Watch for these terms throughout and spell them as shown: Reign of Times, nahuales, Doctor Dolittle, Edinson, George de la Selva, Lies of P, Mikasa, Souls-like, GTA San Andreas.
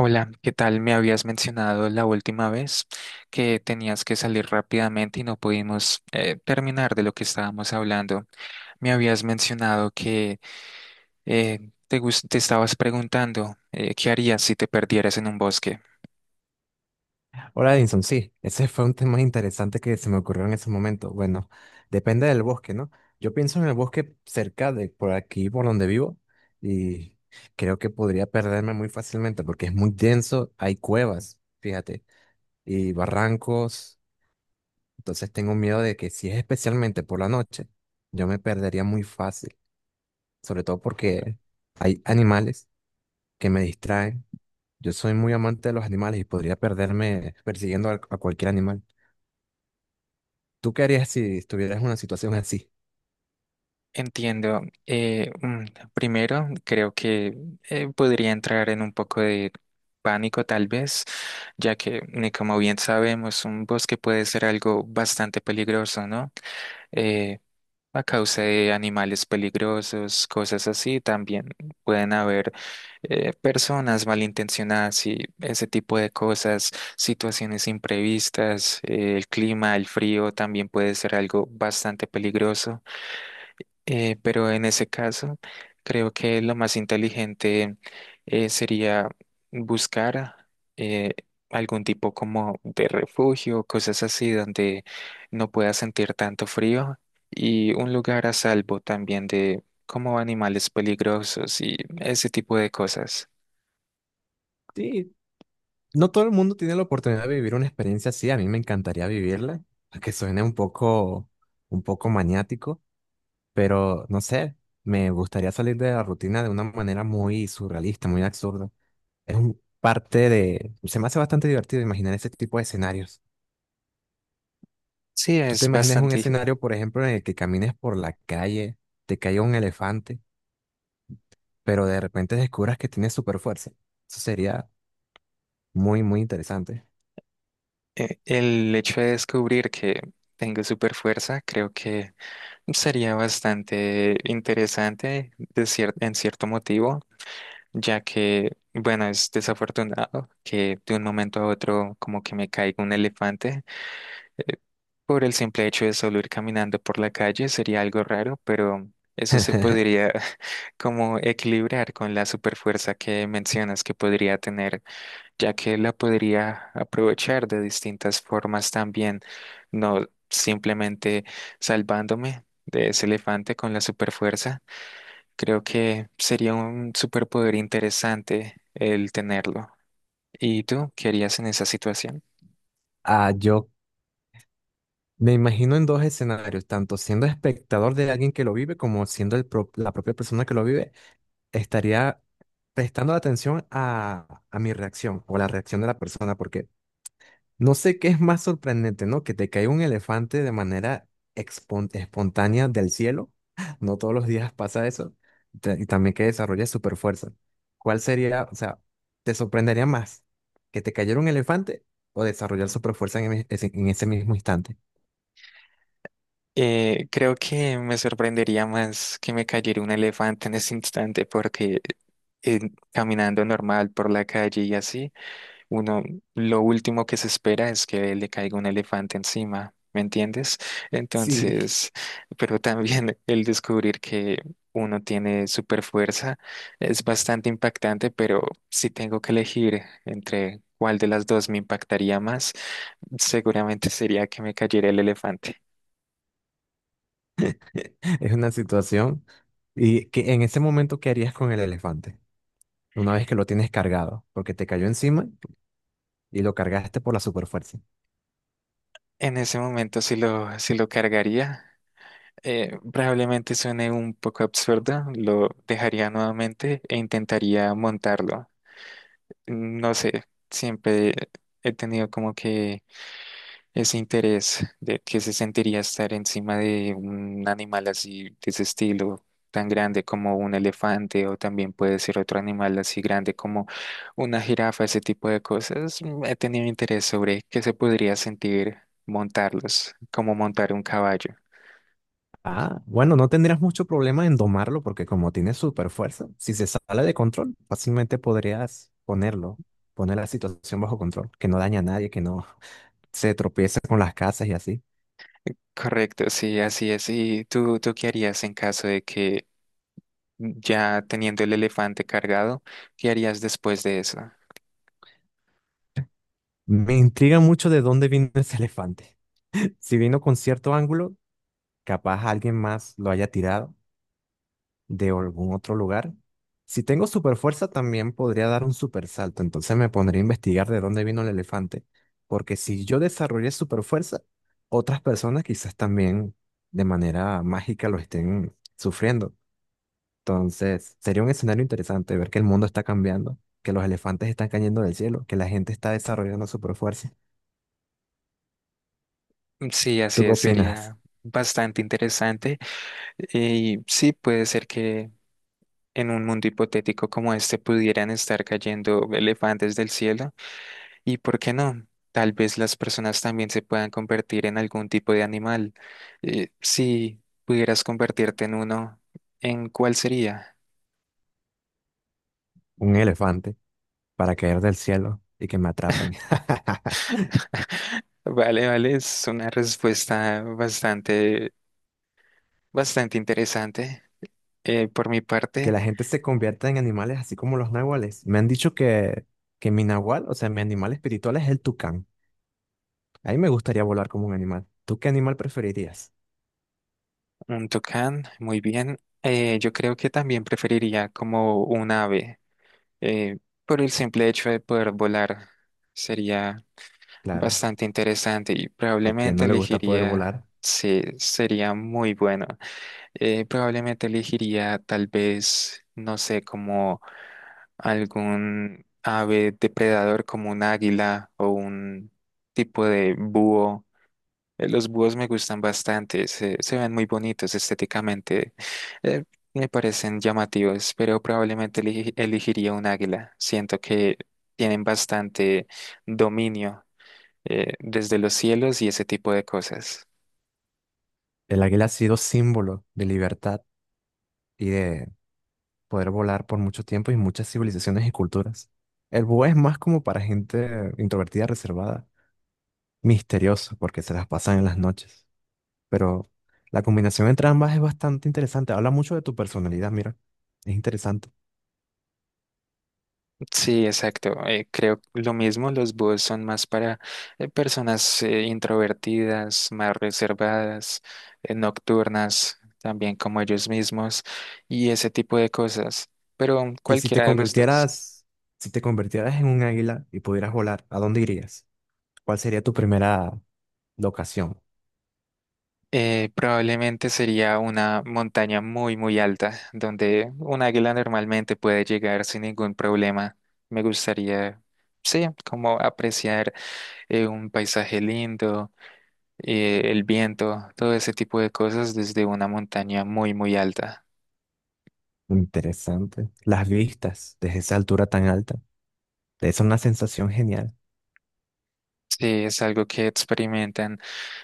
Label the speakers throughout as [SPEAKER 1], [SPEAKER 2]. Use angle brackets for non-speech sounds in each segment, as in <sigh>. [SPEAKER 1] Hola, ¿qué tal? Me habías mencionado la última vez que tenías que salir rápidamente y no pudimos terminar de lo que estábamos hablando. Me habías mencionado que te estabas preguntando qué harías si te perdieras en un bosque.
[SPEAKER 2] Hola, Edinson. Sí, ese fue un tema interesante que se me ocurrió en ese momento. Bueno, depende del bosque, ¿no? Yo pienso en el bosque cerca de por aquí, por donde vivo, y creo que podría perderme muy fácilmente porque es muy denso, hay cuevas, fíjate, y barrancos. Entonces tengo miedo de que si es especialmente por la noche, yo me perdería muy fácil, sobre todo porque hay animales que me distraen. Yo soy muy amante de los animales y podría perderme persiguiendo a cualquier animal. ¿Tú qué harías si estuvieras en una situación así?
[SPEAKER 1] Entiendo. eh, mm, Primero, creo que podría entrar en un poco de pánico tal vez, ya que, como bien sabemos, un bosque puede ser algo bastante peligroso, ¿no? Eh, a causa de animales peligrosos, cosas así. También pueden haber personas malintencionadas y ese tipo de cosas, situaciones imprevistas. El clima, el frío también puede ser algo bastante peligroso. Pero en ese caso, creo que lo más inteligente sería buscar eh, algún tipo como de refugio, cosas así, donde no pueda sentir tanto frío y un lugar a salvo también de como animales peligrosos y ese tipo de cosas.
[SPEAKER 2] Sí, no todo el mundo tiene la oportunidad de vivir una experiencia así. A mí me encantaría vivirla, aunque suene un poco maniático, pero no sé, me gustaría salir de la rutina de una manera muy surrealista, muy absurda. Es un parte de... Se me hace bastante divertido imaginar ese tipo de escenarios.
[SPEAKER 1] Sí,
[SPEAKER 2] ¿Tú te
[SPEAKER 1] es
[SPEAKER 2] imaginas un
[SPEAKER 1] bastante
[SPEAKER 2] escenario, por ejemplo, en el que camines por la calle, te caiga un elefante, pero de repente descubras que tienes super fuerza? Eso sería muy, muy interesante.
[SPEAKER 1] el hecho de descubrir que tengo super fuerza, creo que sería bastante interesante de en cierto motivo. Ya que, bueno, es desafortunado que de un momento a otro como que me caiga un elefante. eh, Por el simple hecho de solo ir caminando por la calle sería algo raro, pero eso
[SPEAKER 2] <laughs>
[SPEAKER 1] se podría <laughs> como equilibrar con la superfuerza que mencionas que podría tener, ya que la podría aprovechar de distintas formas también, no simplemente salvándome de ese elefante con la superfuerza. Creo que sería un superpoder interesante el tenerlo. ¿Y tú qué harías en esa situación?
[SPEAKER 2] Ah, yo me imagino en dos escenarios, tanto siendo espectador de alguien que lo vive como siendo la propia persona que lo vive, estaría prestando atención a mi reacción o la reacción de la persona, porque no sé qué es más sorprendente, ¿no? Que te caiga un elefante de manera espontánea del cielo. <laughs> No todos los días pasa eso. Y también que desarrolle super fuerza. ¿Cuál sería, o sea, te sorprendería más que te cayera un elefante o desarrollar super fuerza en ese mismo instante?
[SPEAKER 1] Creo que me sorprendería más que me cayera un elefante en ese instante porque eh, caminando normal por la calle y así. Uno, lo último que se espera es que le caiga un elefante encima, ¿me entiendes?
[SPEAKER 2] Sí,
[SPEAKER 1] Entonces, <laughs> pero también el descubrir que uno tiene super fuerza es bastante impactante, pero si tengo que elegir entre cuál de las dos me impactaría más, seguramente sería que me cayera el elefante.
[SPEAKER 2] <laughs> es una situación. ¿Y que en ese momento qué harías con el elefante? Una vez que lo tienes cargado, porque te cayó encima y lo cargaste por la superfuerza.
[SPEAKER 1] En ese momento, si lo cargaría, probablemente suene un poco absurdo, lo dejaría nuevamente e intentaría montarlo. No sé, siempre he tenido como que ese interés de que se sentiría estar encima de un animal así, de ese estilo, tan grande como un elefante o también puede ser otro animal así grande como una jirafa, ese tipo de cosas. He tenido interés sobre qué se podría sentir montarlos, como montar un caballo.
[SPEAKER 2] Ah, bueno, no tendrías mucho problema en domarlo porque como tiene superfuerza, si se sale de control, fácilmente podrías ponerlo, poner la situación bajo control, que no daña a nadie, que no <laughs> se tropiece con las casas y así.
[SPEAKER 1] Correcto, sí, así es. ¿Y tú qué harías en caso de que ya teniendo el elefante cargado, qué harías después de eso?
[SPEAKER 2] Me intriga mucho de dónde vino ese elefante. <laughs> Si vino con cierto ángulo, capaz alguien más lo haya tirado de algún otro lugar. Si tengo super fuerza, también podría dar un super salto. Entonces me pondría a investigar de dónde vino el elefante. Porque si yo desarrollé super fuerza, otras personas quizás también de manera mágica lo estén sufriendo. Entonces sería un escenario interesante ver que el mundo está cambiando, que los elefantes están cayendo del cielo, que la gente está desarrollando super fuerza.
[SPEAKER 1] Mm, sí, así
[SPEAKER 2] ¿Tú qué
[SPEAKER 1] es,
[SPEAKER 2] opinas?
[SPEAKER 1] sería bastante interesante. Y sí, puede ser que en un mundo hipotético como este pudieran estar cayendo elefantes del cielo. ¿Y por qué no? Tal vez las personas también se puedan convertir en algún tipo de animal. Si pudieras convertirte en uno, ¿en cuál sería?
[SPEAKER 2] Un elefante para caer del cielo y que me atrapen. <laughs>
[SPEAKER 1] <laughs> Vale, vale, es una respuesta bastante, bastante interesante por mi
[SPEAKER 2] Que
[SPEAKER 1] parte.
[SPEAKER 2] la gente se convierta en animales así como los nahuales. Me han dicho que mi nahual, o sea, mi animal espiritual es el tucán. A mí me gustaría volar como un animal. ¿Tú qué animal preferirías?
[SPEAKER 1] Un tucán, muy bien. Yo creo que también preferiría como un ave, eh, por el simple hecho de poder volar. Sería
[SPEAKER 2] Claro,
[SPEAKER 1] bastante interesante y
[SPEAKER 2] a quien no
[SPEAKER 1] probablemente
[SPEAKER 2] le gusta poder
[SPEAKER 1] elegiría,
[SPEAKER 2] volar.
[SPEAKER 1] sí, sería muy bueno. Probablemente elegiría tal vez, no sé, como algún ave depredador como un águila o un tipo de búho. Los búhos me gustan bastante, se ven muy bonitos estéticamente, eh, me parecen llamativos, pero probablemente elegiría un águila. Siento que tienen bastante dominio desde los cielos y ese tipo de cosas.
[SPEAKER 2] El águila ha sido símbolo de libertad y de poder volar por mucho tiempo y muchas civilizaciones y culturas. El búho es más como para gente introvertida, reservada, misteriosa, porque se las pasan en las noches. Pero la combinación entre ambas es bastante interesante. Habla mucho de tu personalidad, mira. Es interesante.
[SPEAKER 1] Sí, exacto. Creo lo mismo, los búhos son más para personas introvertidas, más reservadas, nocturnas, también como ellos mismos y ese tipo de cosas, pero
[SPEAKER 2] Y
[SPEAKER 1] cualquiera de los dos.
[SPEAKER 2] si te convirtieras en un águila y pudieras volar, ¿a dónde irías? ¿Cuál sería tu primera locación?
[SPEAKER 1] Probablemente sería una montaña muy, muy alta, donde un águila normalmente puede llegar sin ningún problema. Me gustaría, sí, como apreciar un paisaje lindo, el viento, todo ese tipo de cosas desde una montaña muy, muy alta.
[SPEAKER 2] Interesante. Las vistas desde esa altura tan alta. Es una sensación genial.
[SPEAKER 1] Sí, es algo que experimentan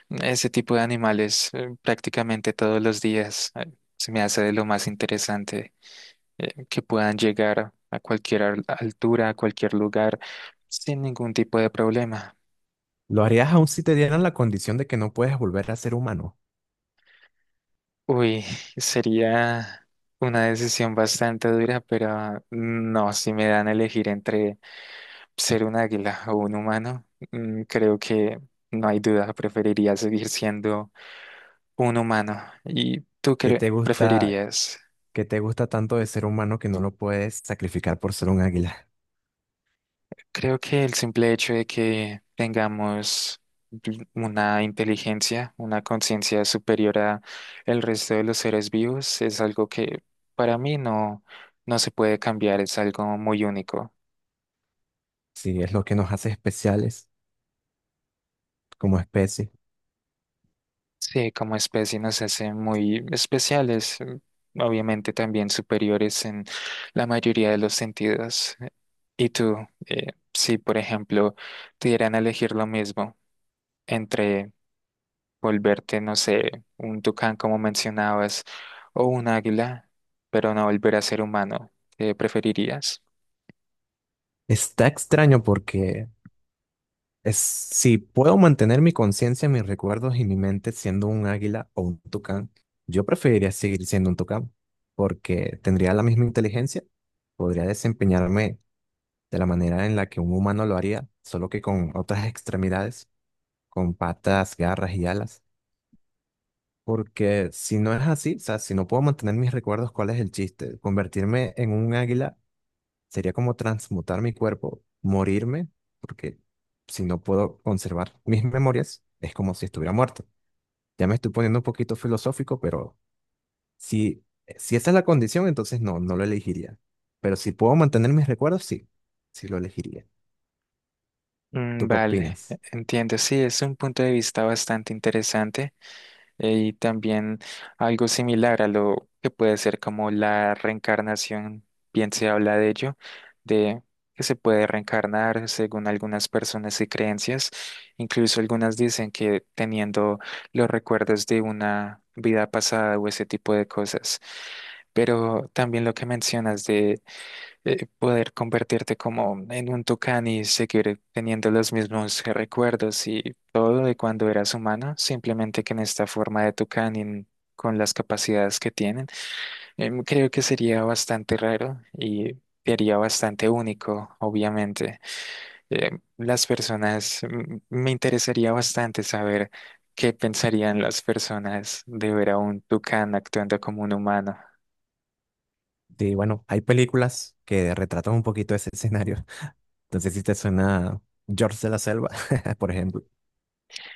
[SPEAKER 1] ese tipo de animales prácticamente todos los días. Se me hace de lo más interesante. Que puedan llegar a cualquier altura, a cualquier lugar, sin ningún tipo de problema.
[SPEAKER 2] ¿Lo harías aún si te dieran la condición de que no puedes volver a ser humano?
[SPEAKER 1] Uy, <laughs> sería una decisión bastante dura, pero no, si me dan a elegir entre ser un águila o un humano, creo que no hay duda, preferiría seguir siendo un humano. ¿Y tú
[SPEAKER 2] ¿Qué te
[SPEAKER 1] qué
[SPEAKER 2] gusta,
[SPEAKER 1] preferirías?
[SPEAKER 2] qué te gusta tanto de ser humano que no lo puedes sacrificar por ser un águila?
[SPEAKER 1] Creo que el simple hecho de que tengamos una inteligencia, una conciencia superior a el resto de los seres vivos es algo que para mí no se puede cambiar, es algo muy único.
[SPEAKER 2] Sí, es lo que nos hace especiales como especie.
[SPEAKER 1] Sí, como especie nos hace muy especiales, obviamente también superiores en la mayoría de los sentidos. ¿Y tú, eh, si por ejemplo te dieran a elegir lo mismo entre volverte, no sé, un tucán como mencionabas, o un águila, pero no volver a ser humano? ¿Qué preferirías?
[SPEAKER 2] Está extraño porque es, si puedo mantener mi conciencia, mis recuerdos y mi mente siendo un águila o un tucán, yo preferiría seguir siendo un tucán porque tendría la misma inteligencia, podría desempeñarme de la manera en la que un humano lo haría, solo que con otras extremidades, con patas, garras y alas. Porque si no es así, o sea, si no puedo mantener mis recuerdos, ¿cuál es el chiste? Convertirme en un águila sería como transmutar mi cuerpo, morirme, porque si no puedo conservar <laughs> mis memorias, es como si estuviera muerto. Ya me estoy poniendo un poquito filosófico, pero si, si esa es la condición, entonces no, no lo elegiría. Pero si puedo mantener mis recuerdos, sí, sí lo elegiría.
[SPEAKER 1] Mm,
[SPEAKER 2] ¿Tú qué
[SPEAKER 1] vale,
[SPEAKER 2] opinas?
[SPEAKER 1] entiendo. Sí, es un punto de vista bastante interesante. Y también algo similar a lo que puede ser como la reencarnación, bien se habla de ello, de que se puede reencarnar según algunas personas y creencias. Incluso algunas dicen que teniendo los recuerdos de una vida pasada o ese tipo de cosas. Pero también lo que mencionas de poder convertirte como en un tucán y seguir teniendo los mismos recuerdos y todo de cuando eras humano, simplemente que en esta forma de tucán y con las capacidades que tienen, creo que sería bastante raro y te haría bastante único, obviamente. Las personas, mm, me interesaría bastante saber qué pensarían las personas de ver a un tucán actuando como un humano.
[SPEAKER 2] Sí, bueno, hay películas que retratan un poquito ese escenario. <laughs> Entonces, si te suena George de la Selva, <laughs> por ejemplo.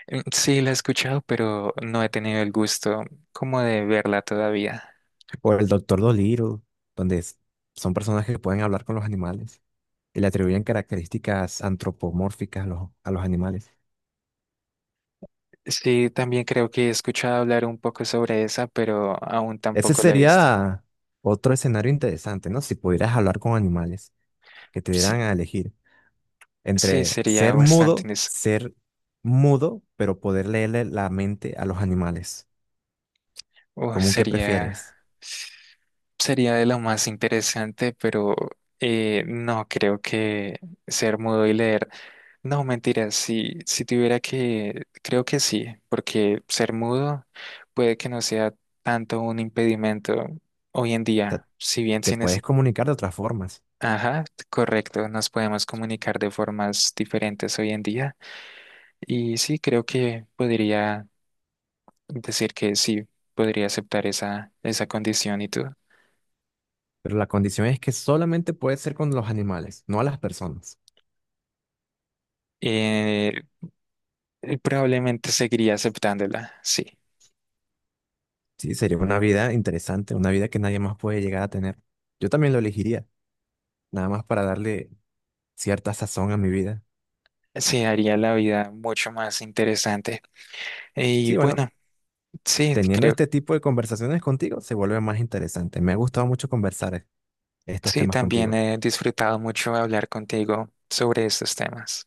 [SPEAKER 1] Mm, sí, la he escuchado, pero no he tenido el gusto como de verla todavía.
[SPEAKER 2] O el Doctor Dolittle, donde son personas que pueden hablar con los animales y le atribuyen características antropomórficas a a los animales.
[SPEAKER 1] Sí, también creo que he escuchado hablar un poco sobre esa, pero aún
[SPEAKER 2] Ese
[SPEAKER 1] tampoco la he visto.
[SPEAKER 2] sería otro escenario interesante, ¿no? Si pudieras hablar con animales, que te dieran
[SPEAKER 1] Sí,
[SPEAKER 2] a elegir
[SPEAKER 1] sí,
[SPEAKER 2] entre
[SPEAKER 1] sería bastante,
[SPEAKER 2] ser mudo, pero poder leerle la mente a los animales. ¿Cómo que
[SPEAKER 1] sería,
[SPEAKER 2] prefieres?
[SPEAKER 1] sería de lo más interesante, pero no creo que ser mudo y leer. No, mentira, si tuviera que, creo que sí, porque ser mudo puede que no sea tanto un impedimento hoy en
[SPEAKER 2] O sea,
[SPEAKER 1] día, si bien
[SPEAKER 2] te
[SPEAKER 1] sin
[SPEAKER 2] puedes
[SPEAKER 1] es,
[SPEAKER 2] comunicar de otras formas,
[SPEAKER 1] ajá, correcto, nos podemos comunicar de formas diferentes hoy en día y sí, creo que podría decir que sí, podría aceptar esa condición y tú.
[SPEAKER 2] pero la condición es que solamente puedes ser con los animales, no a las personas.
[SPEAKER 1] Eh, Probablemente seguiría aceptándola, sí,
[SPEAKER 2] Sí, sería una vida interesante, una vida que nadie más puede llegar a tener. Yo también lo elegiría, nada más para darle cierta sazón a mi vida.
[SPEAKER 1] sí, haría la vida mucho más interesante. Y
[SPEAKER 2] Sí, bueno,
[SPEAKER 1] bueno. Sí,
[SPEAKER 2] teniendo
[SPEAKER 1] creo.
[SPEAKER 2] este tipo de conversaciones contigo se vuelve más interesante. Me ha gustado mucho conversar estos
[SPEAKER 1] Sí,
[SPEAKER 2] temas
[SPEAKER 1] también
[SPEAKER 2] contigo.
[SPEAKER 1] he disfrutado mucho hablar contigo sobre estos temas.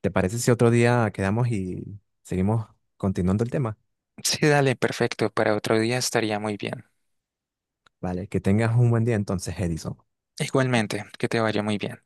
[SPEAKER 2] ¿Te parece si otro día quedamos y seguimos continuando el tema?
[SPEAKER 1] Sí, dale, perfecto. Para otro día estaría muy bien.
[SPEAKER 2] Vale, que tengas un buen día entonces, Edison.
[SPEAKER 1] Igualmente, que te vaya muy bien.